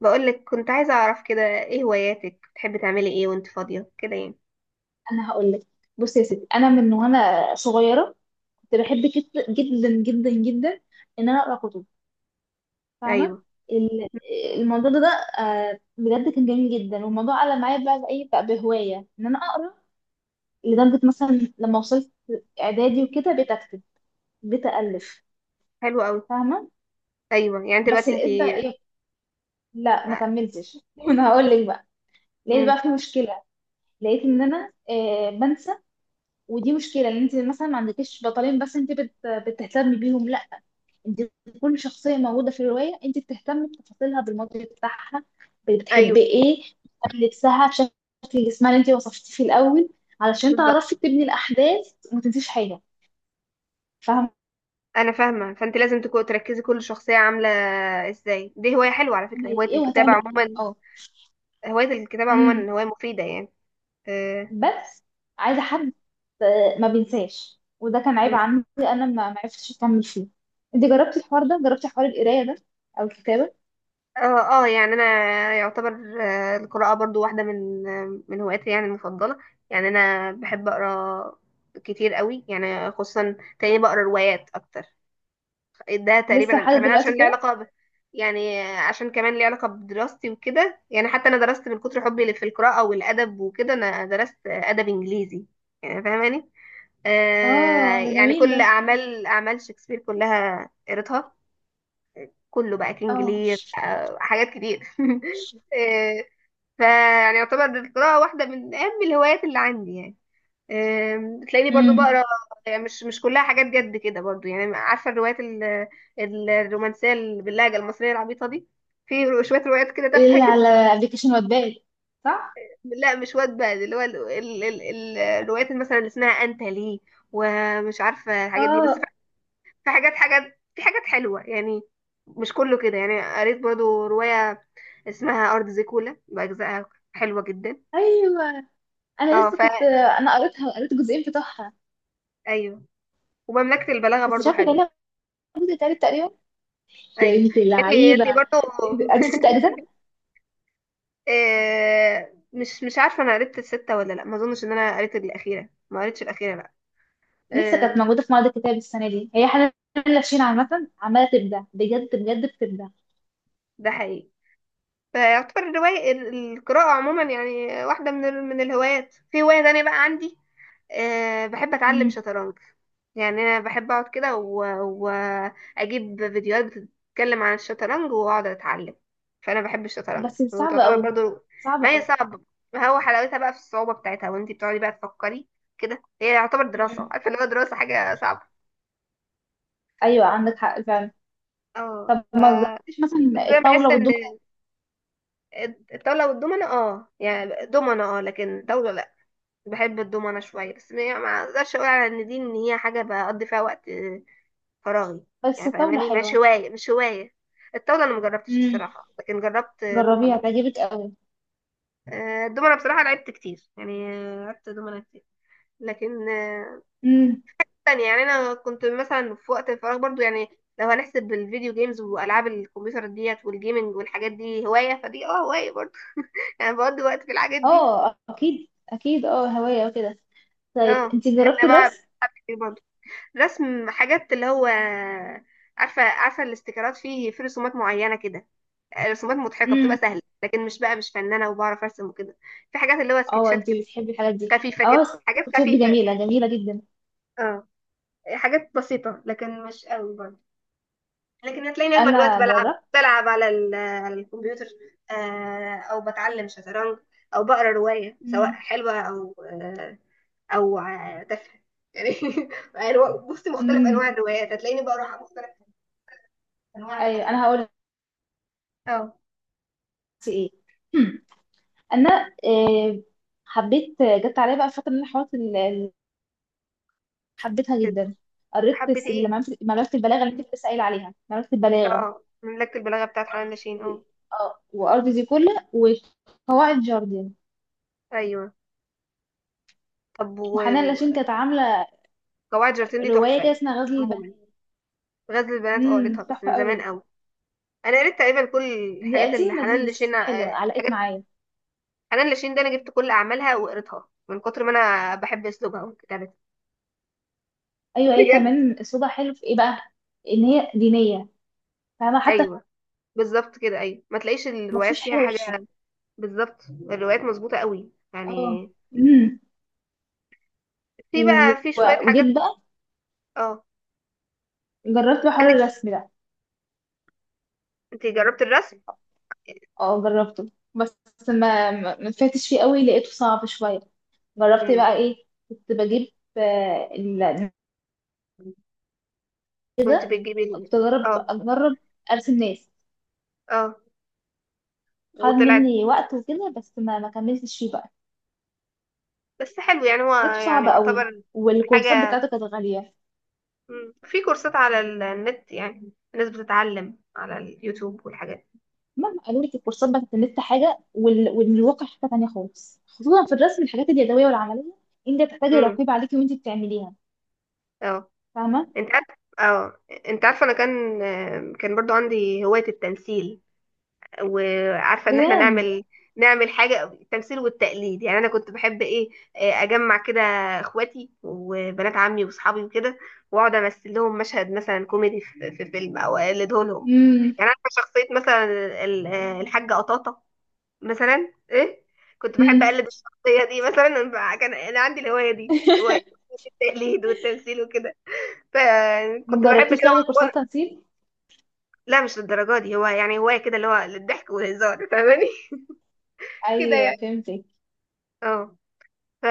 بقولك، كنت عايزة أعرف كده إيه هواياتك، بتحبي تعملي إيه وأنت فاضية كده، يعني؟ انا هقول لك. بصي يا ستي، انا من وانا صغيره كنت بحب جدا جدا جدا ان انا اقرا كتب، فاهمه؟ أيوه. ال- الموضوع ده بجد كان جميل جدا، والموضوع علق معايا بقى بايه بقى بهوايه ان انا اقرا. لدرجه مثلا لما وصلت اعدادي وكده بقيت اكتب، بقيت الف. حلو أوي. فاهمه؟ أيوه، يعني بس دلوقتي أنت... لقيت بقى ايه، لا ما كملتش. انا هقول لك بقى، لقيت امم. بقى في مشكله. لقيت ان انا بنسى. ودي مشكله ان انت مثلا ما عندكيش بطلين بس انت بتهتمي بيهم. انت كل شخصيه موجوده في الروايه انت بتهتمي بتفاصيلها، بالماضي بتاعها، أيوه، بتحب ايه، بتهتمي لبسها، بشكل جسمها اللي انت وصفتيه في الاول، علشان بالظبط. تعرفي تبني الاحداث وما تنسيش حاجه. فاهمه؟ أنا فاهمة، فأنت لازم تكون تركزي كل شخصية عاملة إزاي. دي هواية حلوة على فكرة، عملت هواية ايه الكتابة وهتعمل ايه، عموما. اه. هواية الكتابة امم. عموما هواية مفيدة يعني. آه. بس عايزه حد ما بينساش. وده كان عيب مم. عندي انا، ما عرفتش اكمل فيه. انت جربتي الحوار ده؟ جربتي حوار القرايه ده او الكتابه؟ اه. يعني انا يعتبر، القراءة برضو واحدة من من هواياتي يعني المفضلة. يعني انا بحب اقرا كتير قوي، يعني خصوصا تلاقيني بقرا روايات اكتر. ده لسه تقريبا لحد كمان عشان دلوقتي ليه كده؟ علاقة ب... يعني عشان كمان ليه علاقة بدراستي وكده، يعني حتى أنا درست من كتر حبي في القراءة والأدب وكده، أنا درست أدب إنجليزي، يعني فاهماني. آه، اه، ده يعني جميل ده. كل أعمال شكسبير كلها قريتها، كله بقى، كينج اه. لير، حاجات كتير. آه. فيعني يعتبر القراءة واحدة من أهم الهوايات اللي عندي يعني. تلاقيني برضو امم. بقرا، يعني مش كلها حاجات جد كده برضو. يعني عارفه الروايات الرومانسيه اللي باللهجه المصريه العبيطه دي، في شويه روايات كده تافهه اللي كده. على ابلكيشن واتباد؟ صح. لا، مش واد بقى، اللي هو الروايات مثلا اللي اسمها انت ليه ومش عارفه الحاجات دي، بس في اه. في حاجات حاجات في حاجات حلوه يعني. مش كله كده. يعني قريت برضو روايه اسمها ارض زيكولا، باجزائها حلوه جدا. ايوه، انا اه لسه فا... كنت انا قريتها وقريت الجزئين بتوعها. ايوه. ومملكه البلاغه بس مش برضو عارفه كان حلوه. لها جزء تالت تقريبا. يا ايوه، بنتي يعني انت اللعيبه، برضه. قريت ست اجزاء مش عارفه انا قريت السته ولا لا، ما اظنش ان انا قريت الاخيره، ما قريتش الاخيره لا. لسه كانت آه، موجوده في معرض الكتاب السنه دي، هي حاجه. لافشين عامه عماله تبدع، بجد بجد بتبدع. ده حقيقي. فيعتبر الرواية القراءة عموما يعني واحدة من من الهوايات. في هواية تانية بقى عندي، بحب أتعلم مم. شطرنج. يعني أنا بحب أقعد كده و- وأجيب فيديوهات بتتكلم عن الشطرنج وأقعد أتعلم. فأنا بحب الشطرنج، بس صعبه وتعتبر قوي، برضو. صعبه ما هي قوي. صعبة، ما هو حلاوتها بقى في الصعوبة بتاعتها، وانتي بتقعدي بقى تفكري كده. هي يعتبر دراسة، مم. عارفة اللي هو دراسة حاجة صعبة. ايوه عندك حق فعلا. اه طب ف... ما جربتيش بس مثلا انا بحس الطاوله ان والدومنه؟ الطاوله والدومنه، يعني دومنه لكن طاوله لا. بحب الدومنة شوية، بس ما اقدرش اقول على ان دي، ان هي حاجة بقضي فيها وقت فراغي. بس يعني الطاوله فاهماني، مش حلوه. هواية، مش هواية. الطاولة انا مجربتش مم. الصراحة، لكن جربت جربيها دومنة. تعجبك الدومنة بصراحة لعبت كتير، يعني لعبت دومنة كتير. لكن قوي. تانية، يعني انا كنت مثلا في وقت الفراغ برضو. يعني لو هنحسب الفيديو جيمز والعاب الكمبيوتر ديت والجيمنج والحاجات دي هواية، فدي هواية برضو. يعني بقضي وقت في الحاجات دي. اه اكيد اكيد، اه هواية وكده. طيب اه انت يعني جربت انا بقى الرسم؟ رسم حاجات، اللي هو عارفه، الاستيكرات، في رسومات معينه كده، رسومات مضحكه بتبقى امم. سهله، لكن مش بقى، مش فنانه وبعرف ارسم وكده. في حاجات اللي هو اه سكتشات انت كده، بتحبي الحاجات دي؟ خفيفه اه كده، حاجات سكتشات دي خفيفه. جميلة، جميلة جدا. اه، حاجات بسيطه لكن مش قوي برضه. لكن هتلاقيني اغلب الوقت انا بلعب، جربت. على على الكمبيوتر، او بتعلم شطرنج، او بقرا روايه سواء امم. حلوه او او تافهه. يعني بصي، مختلف انواع امم. الروايات هتلاقيني بقرا مختلف انواع ايوه الحاجات. انا هقول لك اه ايه. هم. انا آه، حبيت، جت عليا بقى فترة ان انا حاولت حبيتها كده. جدا. قريت حبة ايه؟ اللي ملف البلاغة اللي انت كنت سائل عليها، ملف البلاغة. اه، مملكة البلاغة بتاعت حنان لاشين، اه. اه، وارض زيكولا وقواعد جاردن. ايوه. طب و وحنان لاشين و- كانت عاملة قواعد جارتين دي رواية كده تحفة اسمها غزل البنات. عموما. غزل البنات، اه امم، قريتها بس تحفة من زمان قوي. قوي. انا قريت تقريبا كل دي الحاجات اللي قديمة دي حنان بس لاشين، كانت حلوة، علقت معايا. حنان لاشين ده انا جبت كل اعمالها وقريتها، من كتر ما انا بحب اسلوبها وكتابتها. ايوه هي بجد. كمان اسلوبها حلو في ايه بقى، ان هي دينية، فاهمة حتى؟ ايوه، بالظبط كده. ايوه، ما تلاقيش ما الروايات فيهوش فيها حاجة وحشة. حاجة. بالظبط، الروايات مظبوطة قوي اه. يعني. امم. في و- بقى، في شوية و- حاجات. وجيت بقى اه. جربت بقى حوار عندك؟ الرسم ده. انت جربت الرسم؟ اه جربته، بس ما فاتش فيه قوي، لقيته صعب شوية. جربت مم. بقى ايه، كنت بجيب آه، ال- كنت كده. بتجيب ال-... كنت اجرب اه، اجرب ارسم ناس. اه. خد وطلعت. مني وقت وكده بس ما كملتش فيه بقى. بس حلو يعني، هو لقيته يعني صعب قوي، يعتبر والكورسات حاجة. بتاعته كانت غالية. مم. في كورسات على النت، يعني الناس بتتعلم على اليوتيوب والحاجات. مهما قالوا لك، الكورسات بتاعت النت حاجة والواقع حاجة تانية خالص، خصوصا في الرسم الحاجات اليدوية والعملية. انت بتحتاجي امم. رقيب عليكي وانت بتعمليها. اه فاهمة؟ انت عارف، اه انت عارفة انا كان برضو عندي هواية التمثيل، وعارفه ان احنا بجد. نعمل، حاجه التمثيل والتقليد. يعني انا كنت بحب ايه، اجمع كده اخواتي وبنات عمي واصحابي وكده، واقعد امثل لهم مشهد مثلا كوميدي في فيلم او اقلده لهم. امم. يعني عارفه شخصيه مثلا الحاجه قطاطه مثلا ايه، كنت بحب أمم. اقلد الشخصيه دي مثلا. كان انا عندي الهوايه دي، هواية التقليد والتمثيل وكده، ما فكنت بحب جربتيش كده. تاخدي كورسات وأنا-... تنسيق؟ لا مش للدرجه دي، هو يعني هوايه كده، اللي هو للضحك والهزار، فاهماني. كده يعني. ايوه فهمتك. اه ف...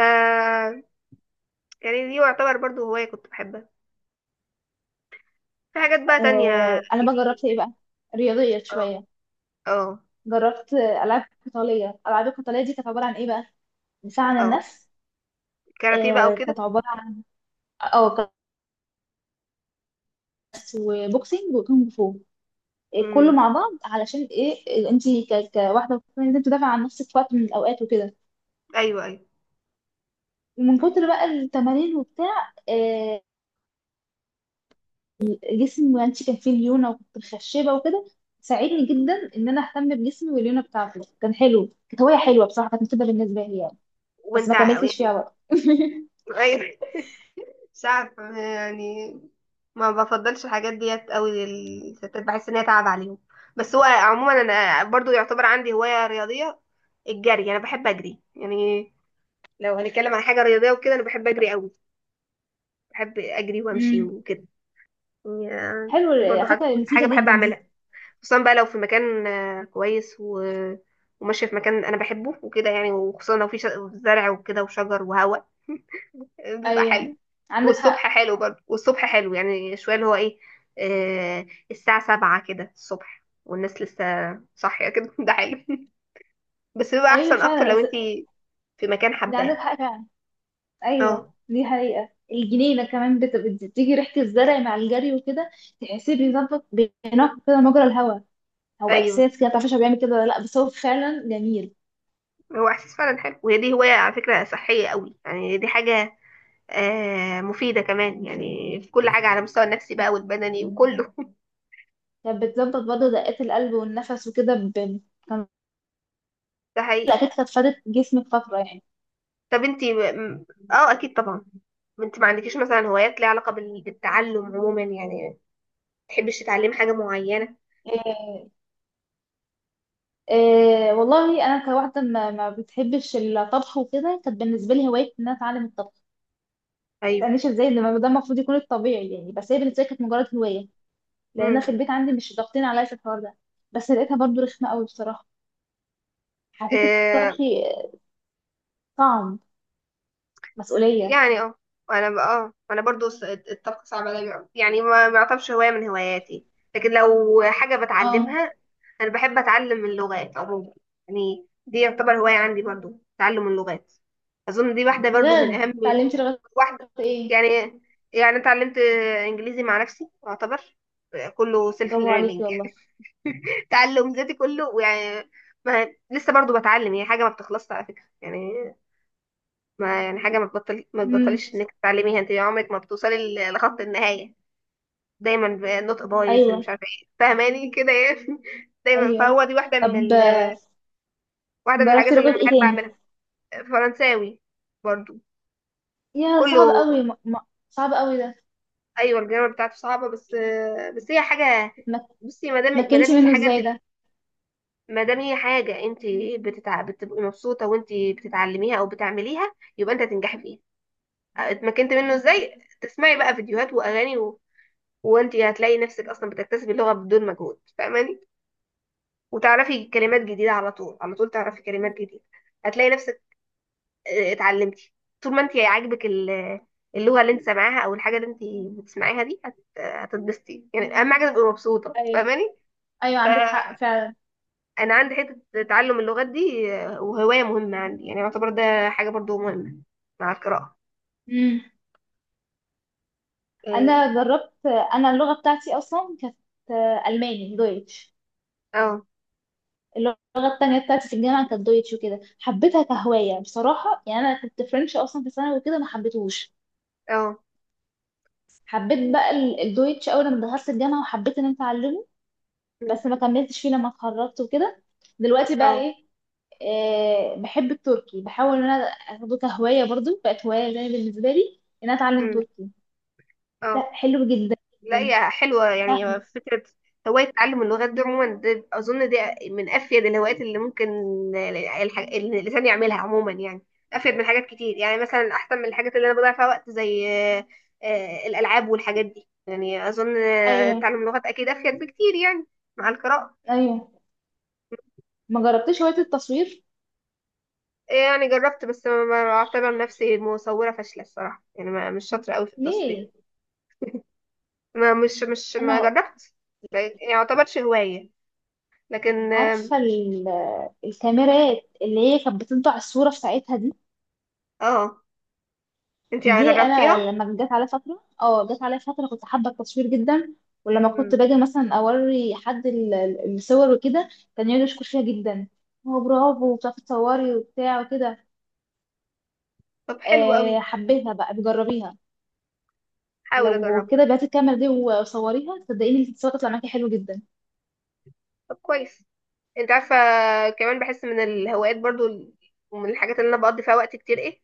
يعني دي يعتبر برضو هواية كنت بحبها. في حاجات بقى تانية آه انا بقى جربت ايه جديدة. بقى، رياضيه اه، شويه. اه. جربت العاب قتاليه. الالعاب القتاليه دي كانت عباره عن ايه بقى، دفاع عن اه، النفس. كاراتيه بقى آه وكده. كانت عباره عن، اه، كاس وبوكسينج وكونغ فو، إيه كله امم. مع بعض، علشان ايه، إيه، انت كواحده المفروض ان انت تدافع عن نفسك في وقت من الاوقات وكده. ايوه، ايوه. ومن كتر بقى التمارين وبتاع إيه جسمي، وانت كان فيه ليونه وكنت مخشبه وكده. ساعدني جدا ان انا اهتم بجسمي، والليونه بتاعته كان حلو، كانت هوايه حلوه بصراحه، كانت مفيده بالنسبه لي يعني. بس وانت ما ع-... كملتش فيها يعني وقت. ايوه، مش عارفة يعني، ما بفضلش الحاجات ديت قوي للستات، بحس ان هي تعب عليهم. بس هو عموما انا برضو يعتبر عندي هواية رياضية، الجري. انا بحب اجري يعني. لو هنتكلم عن حاجة رياضية وكده، انا بحب اجري قوي، بحب اجري وامشي امم. وكده. يعني حلو دي برضو على حاجة فكره، مفيده حاجة بحب جدا دي. اعملها، خصوصا بقى لو في مكان كويس و... وماشية في مكان أنا بحبه وكده، يعني وخصوصا لو في ش... زرع وكده وشجر وهواء. بيبقى ايوه حلو. عندك والصبح حق، حلو برضه، والصبح حلو يعني شوية، اللي هو إيه، آه. الساعة سبعة كده الصبح، والناس لسه صاحية كده. ده حلو. بس بيبقى ايوه أحسن أكتر لو فعلا. أنتي في مكان ده عندك حباه. حق فعلا. اه، ايوه دي حقيقة. الجنينة كمان بتيجي ريحة الزرع مع الجري وكده، تحسيه بيظبط، بينقي كده مجرى الهواء. هو أيوه. احساس كده، متعرفش هو بيعمل كده ولا لا، بس هو فعلا جميل. هو إحساس فعلا حلو، وهي دي هواية على فكرة صحية قوي. يعني دي حاجة مفيدة كمان يعني، في كل حاجة، على المستوى النفسي بقى والبدني وكله. كانت بتظبط برضه دقات القلب والنفس وكده كان ده حقيقي. الاكيد كانت فادت جسمك فترة يعني. طب انتي م-... اه، اكيد طبعا. انت ما عندكيش مثلا هوايات ليها علاقه بال- بالتعلم عموما؟ يعني ما تحبيش تتعلمي حاجه معينه؟ إيه... والله انا كواحدة ما بتحبش الطبخ وكده، كانت بالنسبة لي هواية ان انا اتعلم الطبخ. ايوه. ما تسألنيش ازاي، ده ده المفروض يكون الطبيعي يعني، بس هي بالنسبة لي كانت مجرد هواية، لان انا في امم. البيت عندي مش ضاغطين عليا في الحوار ده. بس لقيتها برضو رخمه قوي بصراحه، حسيت الطبخ صعب، مسؤوليه. يعني اه، انا بقى، انا برضو الطبخ صعب عليا. يعني ما يعتبرش هوايه من هواياتي، لكن لو حاجه اه بتعلمها، انا بحب اتعلم اللغات عموما. يعني دي يعتبر هوايه عندي برضو، تعلم اللغات. اظن دي واحده برضو من بجد، اهم اتعلمتي لغايه واحده. ايه؟ يعني اتعلمت انجليزي مع نفسي يعتبر، كله سيلف برافو ليرنينج. عليكي والله. تعلم ذاتي كله يعني. ما لسه برضو بتعلم، هي حاجه ما بتخلصش على فكره. يعني ما، يعني حاجة، ما امم. تبطليش انك تتعلميها، انت عمرك ما بتوصلي ل- لخط النهاية. دايما ب-... النطق بايظ اللي مش ايوه عارفة ايه، فاهماني كده يعني. دايما، ايوه. فهو دي واحدة من طب ال... واحدة من جربتي الحاجات اللي لغه انا ايه بحب تاني؟ اعملها. فرنساوي برضو يا صعب كله. قوي، صعب قوي ده. ايوه الجرامر بتاعته صعبة، بس بس هي حاجة، اتمك- بصي ما دام اتمكنتي هي منه حاجة انت، ازاي ده ما دام هي حاجة انت بتتع... بتبقي مبسوطة وانت بتتعلميها او بتعمليها، يبقى انت هتنجحي فيها. اتمكنت منه ازاي؟ تسمعي بقى فيديوهات واغاني، وانت هتلاقي نفسك اصلا بتكتسبي اللغه بدون مجهود، فاهماني. وتعرفي كلمات جديده على طول، على طول تعرفي كلمات جديده، هتلاقي نفسك اتعلمتي. طول ما انت عاجبك ال-... اللغه اللي انت سامعاها او الحاجه اللي انت بتسمعيها دي هت- هتتبسطي. يعني اهم حاجه تبقي مبسوطه، ايوه فاهماني. ايوه عندك حق فانا فعلا. عندي حته تعلم اللغات دي، وهوايه مهمه عندي. يعني يعتبر ده حاجه برضو مهمه، مع القراءه. امم. اه. انا جربت، انا اللغه بتاعتي اصلا كانت الماني، دويتش. اه. اللغة التانية بتاعتي في الجامعة كانت دويتش وكده، حبيتها كهواية بصراحة. يعني أنا كنت فرنش أصلا في ثانوي وكده، ما حبيتهوش. اه. حبيت بقى الدويتش أول ما دخلت الجامعة، وحبيت إن أنا أتعلمه، بس ما كملتش فيه لما اتخرجت وكده. دلوقتي بقى اه. إيه، آه بحب التركي، بحاول إن أنا أخده كهواية برضو، بقت هواية زي بالنسبة لي إن أنا أتعلم تركي. اه. لا حلو جدا لا، هي جدا، حلوة سهل. يعني فكرة هواية تعلم اللغات دي عموما. دي أظن دي من أفيد الهوايات اللي ممكن اللي الإنسان يعملها عموما. يعني أفيد من حاجات كتير، يعني مثلا أحسن من الحاجات اللي أنا بضيع فيها وقت زي الألعاب والحاجات دي. يعني أظن أيوه. تعلم لغات أكيد أفيد بكتير يعني، مع القراءة. أيوه. ما جربتش هواية التصوير؟ يعني جربت، بس ما أعتبر نفسي، مصورة فاشلة الصراحة، يعني ما، مش شاطرة أوي في التصوير. ليه؟ ما مش ما أنا جربت. ما يعني ما يعتبرش هواية، لكن اه. عارفة الكاميرات اللي هي كانت بتطبع الصورة في ساعتها دي. آه. انتي يعني دي أنا جربتيها؟ لما جت عليا فترة، اه جت عليا فترة كنت حابة التصوير جدا. ولما كنت مم. باجي مثلا أوري حد الصور وكده، كان يقعد يشكر فيها جدا، هو برافو بتعرفي تصوري وبتاع وكده. طب حلو قوي، أه حبيتها بقى، بجربيها. حاول لو اجربها. كده بعتي الكاميرا دي وصوريها، صدقيني الصور تطلع معاكي حلو جدا. طب كويس. انت عارفه، كمان بحس من الهوايات برضو ال-... ومن الحاجات اللي انا بقضي فيها وقت كتير، ايه،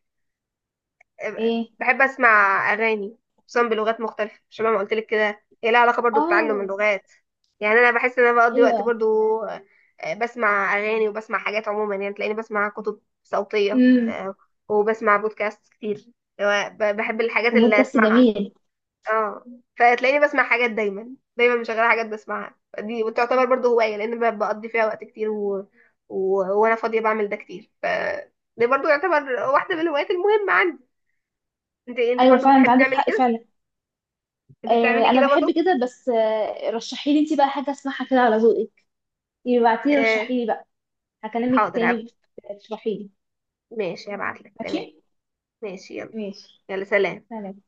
أه، ايه. بحب اسمع اغاني، خصوصا بلغات مختلفه، شبه ما قلت لك كده، هي لها علاقه برضو بتعلم اه. اللغات. يعني انا بحس ان انا بقضي وقت ايوه. برضو بسمع اغاني وبسمع حاجات عموما. يعني تلاقيني بسمع كتب صوتيه، امم. أه، وبسمع بودكاست كتير. بحب الحاجات اللي البودكاست اسمعها. جميل. اه. فتلاقيني بسمع حاجات دايما، دايما مشغله حاجات بسمعها دي، وتعتبر برضو هوايه، لان بقضي فيها وقت كتير و... و... وانا فاضيه بعمل ده كتير. ف دي برضو يعتبر واحده من الهوايات المهمه عندي. انت ايوه برضو فعلا انت بتحبي عندك تعملي حق كده؟ فعلا. انت بتعملي انا كده برضو؟ بحب كده، بس رشحي لي انت بقى حاجه اسمعها كده على ذوقك. يبعتيلي آه، رشحي لي بقى. هكلمك حاضر، هب... تاني. تشرحي لي. ماشي هبعت لك، تمام. ماشي. ماشي، يلا. ماشي. يلا سلام. سلام.